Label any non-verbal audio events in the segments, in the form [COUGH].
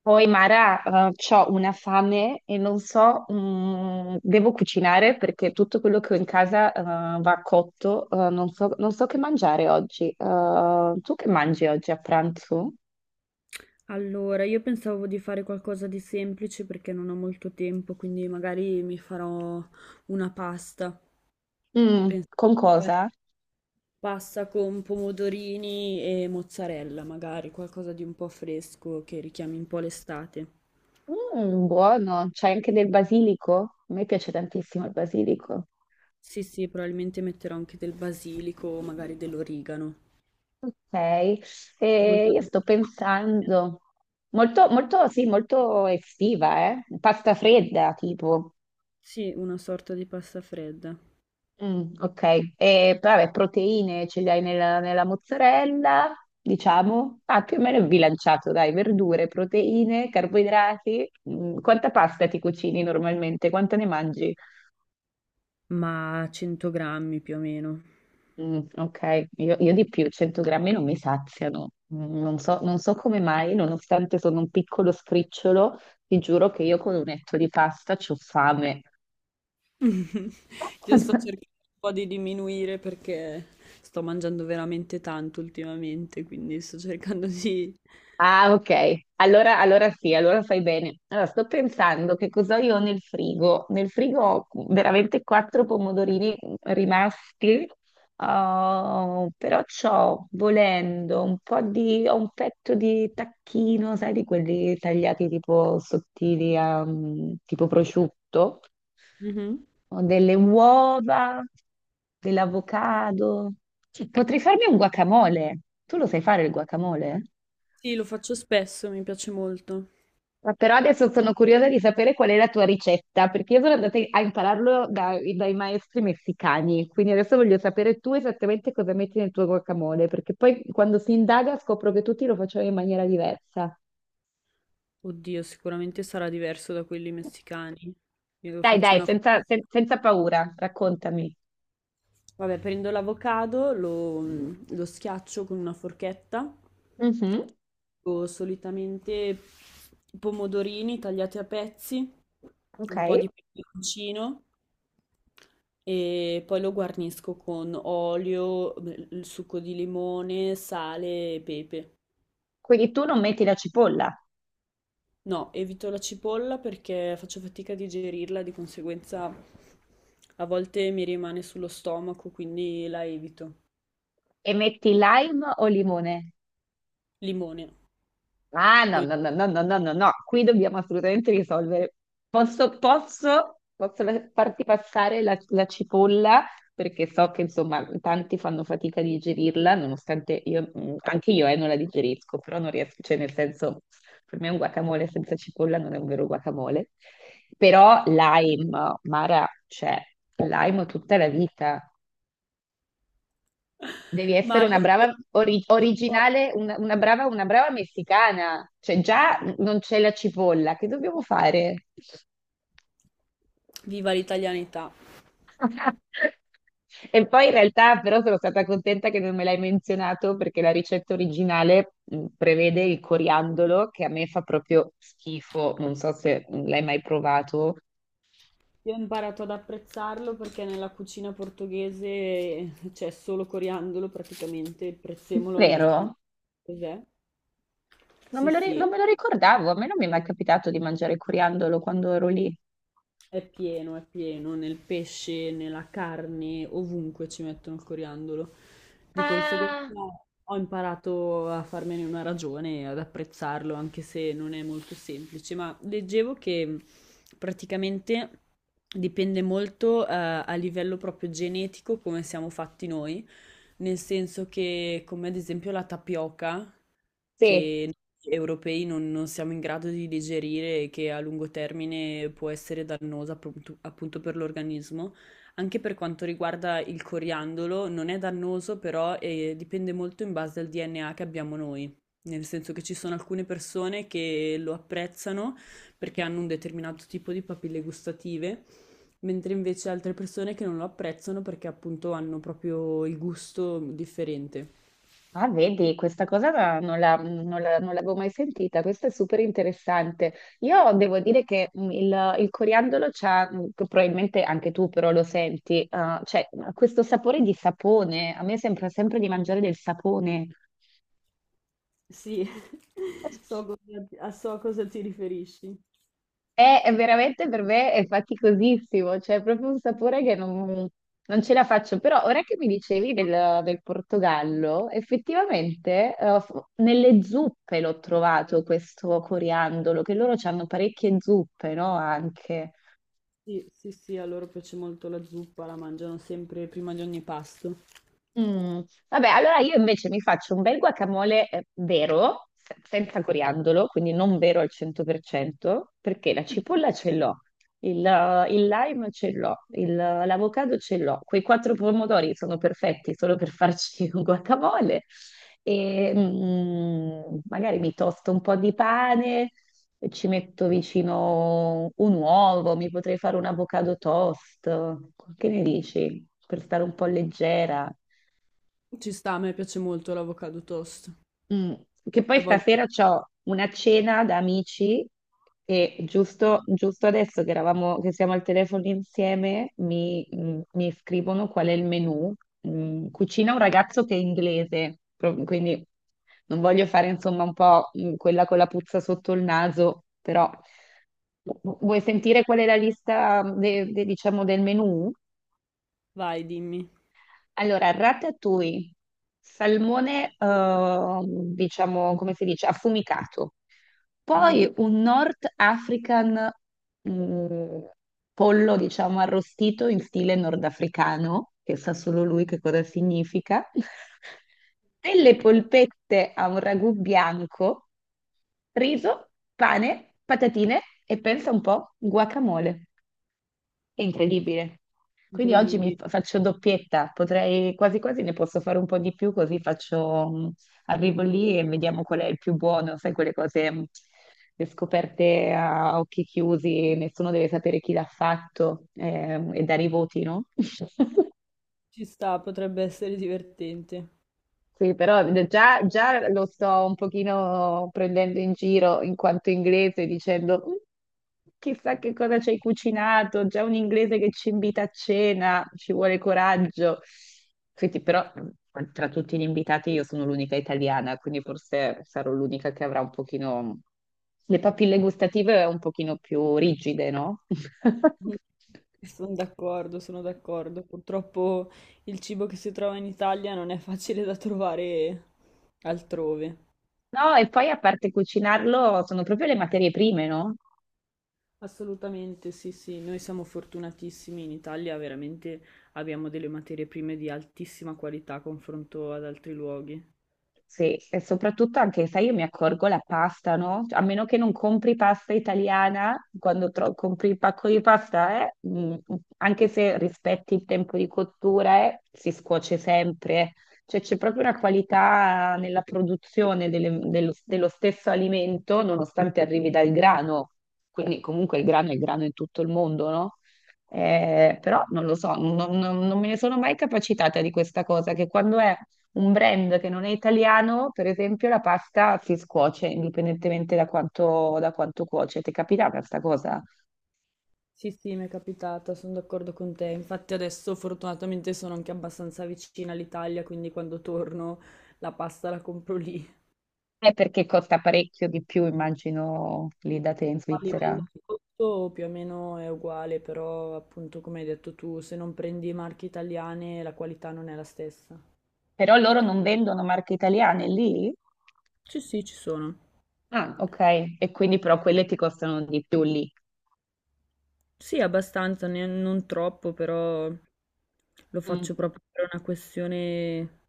Poi Mara, ho una fame e non so, devo cucinare perché tutto quello che ho in casa, va cotto, non so, non so che mangiare oggi. Tu che mangi oggi a pranzo? Allora, io pensavo di fare qualcosa di semplice perché non ho molto tempo, quindi magari mi farò una pasta. Mm, Pensavo con di fare cosa? pasta con pomodorini e mozzarella, magari qualcosa di un po' fresco che richiami un po' l'estate. Mm, buono, c'è anche del basilico? A me piace tantissimo il basilico. Sì, sì, probabilmente metterò anche del basilico o magari dell'origano. Ok, e Molto... io sto pensando, molto, sì, molto estiva, eh? Pasta fredda, tipo. Sì, una sorta di pasta fredda, Mm, ok, e vabbè, proteine ce le hai nella mozzarella, diciamo, ah, più o meno bilanciato, dai, verdure, proteine, carboidrati. Mm, quanta pasta ti cucini normalmente? Quanto ne mangi? ma 100 grammi più o meno. Mm, ok, io di più, 100 grammi non mi saziano. Mm, non so, non so come mai, nonostante sono un piccolo scricciolo, ti giuro che io con un etto di pasta ho fame. [LAUGHS] Io sto [LAUGHS] cercando un po' di diminuire perché sto mangiando veramente tanto ultimamente, quindi sto cercando di... Ah, ok. Allora sì, allora fai bene. Allora, sto pensando che cosa io ho nel frigo. Nel frigo ho veramente quattro pomodorini rimasti. Oh, però c'ho, volendo, un po' di, ho un petto di tacchino, sai, di quelli tagliati tipo sottili, a, tipo prosciutto. Mhm. Ho delle uova, dell'avocado. Cioè, potrei farmi un guacamole. Tu lo sai fare il guacamole? Sì, lo faccio spesso, mi piace molto. Però adesso sono curiosa di sapere qual è la tua ricetta, perché io sono andata a impararlo dai maestri messicani, quindi adesso voglio sapere tu esattamente cosa metti nel tuo guacamole, perché poi quando si indaga scopro che tutti lo facevano in maniera diversa. Oddio, sicuramente sarà diverso da quelli messicani. Io Dai, faccio dai, una... senza, senza paura, raccontami. Vabbè, prendo l'avocado, lo, lo schiaccio con una forchetta. Mhm. Ho solitamente pomodorini tagliati a pezzi, Ok, un po' di peperoncino. E poi lo guarnisco con olio, beh, il succo di limone, sale e pepe. quindi tu non metti la cipolla No, evito la cipolla perché faccio fatica a digerirla, di conseguenza a volte mi rimane sullo stomaco, quindi la evito. e metti lime o limone? Limone, Ah, no, lo. no, no, no, no, no, no, no, qui dobbiamo assolutamente risolvere. Posso farti passare la cipolla, perché so che insomma tanti fanno fatica a digerirla, nonostante io, anche io non la digerisco, però non riesco, cioè nel senso, per me un guacamole senza cipolla non è un vero guacamole. Però lime, Mara, cioè, lime tutta la vita. Devi [LAUGHS] Ma essere una io brava originale, una brava messicana. Cioè, già non c'è la cipolla, che dobbiamo fare? viva l'italianità. [LAUGHS] E poi in realtà però sono stata contenta che non me l'hai menzionato perché la ricetta originale prevede il coriandolo che a me fa proprio schifo, non so se l'hai mai provato. Io ho imparato ad apprezzarlo perché nella cucina portoghese c'è solo coriandolo praticamente, il prezzemolo non sa Vero? cos'è. Non Sì, me lo, sì. non me lo ricordavo, a me non mi è mai capitato di mangiare coriandolo quando ero lì. È pieno, nel pesce, nella carne, ovunque ci mettono il coriandolo. Di conseguenza Ah, ho imparato a farmene una ragione e ad apprezzarlo, anche se non è molto semplice. Ma leggevo che praticamente dipende molto, a livello proprio genetico come siamo fatti noi, nel senso che, come ad esempio la tapioca sì. che noi europei non siamo in grado di digerire e che a lungo termine può essere dannosa appunto per l'organismo. Anche per quanto riguarda il coriandolo, non è dannoso, però dipende molto in base al DNA che abbiamo noi. Nel senso che ci sono alcune persone che lo apprezzano perché hanno un determinato tipo di papille gustative, mentre invece altre persone che non lo apprezzano perché appunto hanno proprio il gusto differente. Ah, vedi, questa cosa non l'avevo mai sentita, questo è super interessante. Io devo dire che il coriandolo c'ha, che probabilmente anche tu però lo senti, ah, cioè questo sapore di sapone, a me sembra sempre di mangiare del sapone. Sì, [LAUGHS] so cosa, ti- a so a cosa ti riferisci. È veramente per me è faticosissimo, cioè è proprio un sapore che non, non ce la faccio. Però ora che mi dicevi del Portogallo, effettivamente nelle zuppe l'ho trovato questo coriandolo, che loro hanno parecchie zuppe, no? Anche. Sì, sì, sì, a loro piace molto la zuppa, la mangiano sempre prima di ogni pasto. Mm, vabbè, allora io invece mi faccio un bel guacamole vero, senza coriandolo, quindi non vero al 100%, perché la cipolla ce l'ho, il lime ce l'ho, l'avocado ce l'ho, quei quattro pomodori sono perfetti solo per farci [LAUGHS] un guacamole e magari mi tosto un po' di pane, e ci metto vicino un uovo, mi potrei fare un avocado toast, che ne dici? Per stare un po' leggera. Ci sta, a me piace molto l'avocado toast. Mm. Che poi A volte, stasera ho una cena da amici e giusto adesso che che siamo al telefono insieme, mi scrivono qual è il menù. Mm. Cucina un ragazzo che è inglese, quindi non voglio fare insomma un po' quella con la puzza sotto il naso, però vuoi sentire qual è la lista diciamo del menù? vai, dimmi. Allora, ratatouille, salmone, diciamo, come si dice, affumicato. Mhm. Poi un North African, mm, pollo, diciamo, arrostito in stile nordafricano, che sa solo lui che cosa significa. [LAUGHS] Delle polpette a un ragù bianco, riso, pane, patatine e pensa un po', guacamole. È incredibile. Quindi oggi Incredibile. Faccio doppietta, potrei quasi quasi ne posso fare un po' di più, così faccio, arrivo lì e vediamo qual è il più buono, sai, quelle cose, le scoperte a occhi chiusi, nessuno deve sapere chi l'ha fatto, e dare i voti, no? [LAUGHS] Ci sta, potrebbe essere divertente. Sì, però già lo sto un pochino prendendo in giro in quanto inglese dicendo "Mm, chissà che cosa ci hai cucinato, già un inglese che ci invita a cena, ci vuole coraggio. Senti, però tra tutti gli invitati io sono l'unica italiana, quindi forse sarò l'unica che avrà un pochino le papille gustative un pochino più rigide, no? [LAUGHS] Mhm. [LAUGHS] Sono d'accordo, sono d'accordo. Purtroppo il cibo che si trova in Italia non è facile da trovare altrove. No, e poi a parte cucinarlo, sono proprio le materie prime, no? Assolutamente, sì, sì, noi siamo fortunatissimi in Italia, veramente abbiamo delle materie prime di altissima qualità a confronto ad altri luoghi. Sì, e soprattutto anche, sai, io mi accorgo la pasta, no? Cioè, a meno che non compri pasta italiana, quando compri il pacco di pasta, anche se rispetti il tempo di cottura, si scuoce sempre, eh. Cioè c'è proprio una qualità nella produzione dello stesso alimento, nonostante arrivi dal grano. Quindi comunque il grano è grano in tutto il mondo, no? Però non lo so, non me ne sono mai capacitata di questa cosa, che quando è un brand che non è italiano, per esempio, la pasta si scuoce indipendentemente da quanto cuoce. Ti è capitata questa cosa? Sì, sì, mi è capitata, sono d'accordo con te. Infatti adesso fortunatamente sono anche abbastanza vicina all'Italia, quindi quando torno la pasta la compro lì. È perché costa parecchio di più, immagino, lì da te in A Svizzera. livello di costo più o meno è uguale, però appunto come hai detto tu, se non prendi marche italiane la qualità non è la stessa. Però loro non vendono marche italiane lì? Sì, sì, ci sono. Ah, ok. E quindi però quelle ti costano di più lì. Sì, abbastanza, non troppo, però lo Mm. faccio proprio per una questione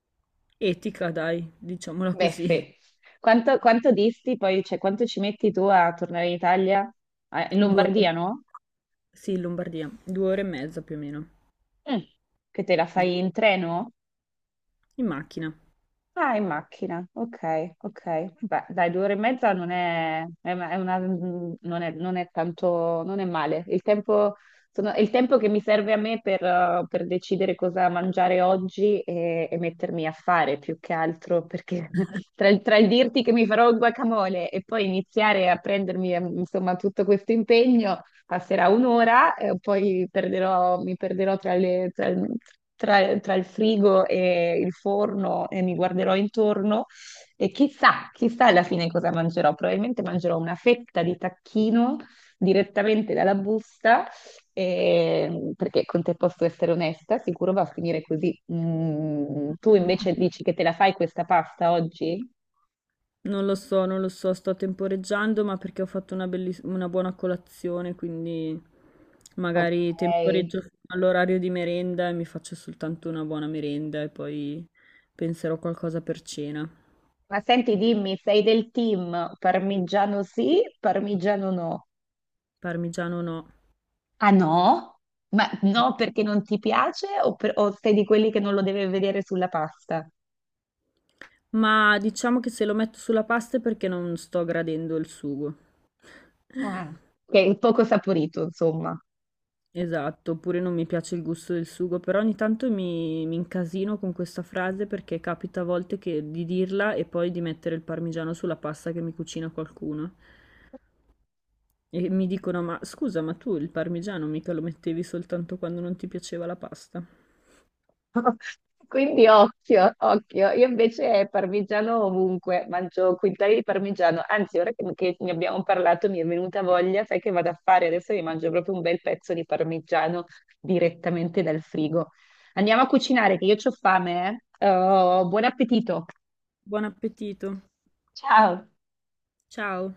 etica, dai, diciamola così. Beffe. Quanto disti poi, cioè quanto ci metti tu a tornare in Italia? Ah, in Due ore, Lombardia, no? sì, in Lombardia, due ore e mezza più o meno, Mm. Che te la fai in treno? in macchina. Ah, in macchina, ok, ok. Beh, dai, 2 ore e mezza non è, non è tanto, non è male. Il tempo, è il tempo che mi serve a me per decidere cosa mangiare oggi e mettermi a fare più che altro, perché [LAUGHS] tra il dirti che mi farò il guacamole e poi iniziare a prendermi, insomma, tutto questo impegno, passerà 1 ora e poi mi perderò tra le- tra il tra- tra il frigo e il forno e mi guarderò intorno e chissà alla fine cosa mangerò. Probabilmente mangerò una fetta di tacchino direttamente dalla busta, perché con te posso essere onesta, sicuro va a finire così. Mm, tu invece dici che te la fai questa pasta oggi? Non lo so, non lo so, sto temporeggiando, ma perché ho fatto una, una buona colazione, quindi Ok. magari temporeggio fino all'orario di merenda e mi faccio soltanto una buona merenda e poi penserò qualcosa per cena. Ma senti, dimmi, sei del team parmigiano sì, parmigiano no? Parmigiano no. Ah no? Ma no perché non ti piace o, o sei di quelli che non lo deve vedere sulla pasta? Ma diciamo che se lo metto sulla pasta è perché non sto gradendo il sugo. Ah, che è poco saporito, insomma. Esatto, oppure non mi piace il gusto del sugo, però ogni tanto mi incasino con questa frase perché capita a volte di dirla e poi di mettere il parmigiano sulla pasta che mi cucina qualcuno. E mi dicono, ma scusa, ma tu il parmigiano mica lo mettevi soltanto quando non ti piaceva la pasta. Quindi occhio. Io invece parmigiano ovunque, mangio quintali di parmigiano. Anzi, ora che ne abbiamo parlato mi è venuta voglia, sai che vado a fare? Adesso mi mangio proprio un bel pezzo di parmigiano direttamente dal frigo. Andiamo a cucinare, che io ho fame, eh. Oh, buon appetito. Buon appetito. Ciao. Ciao.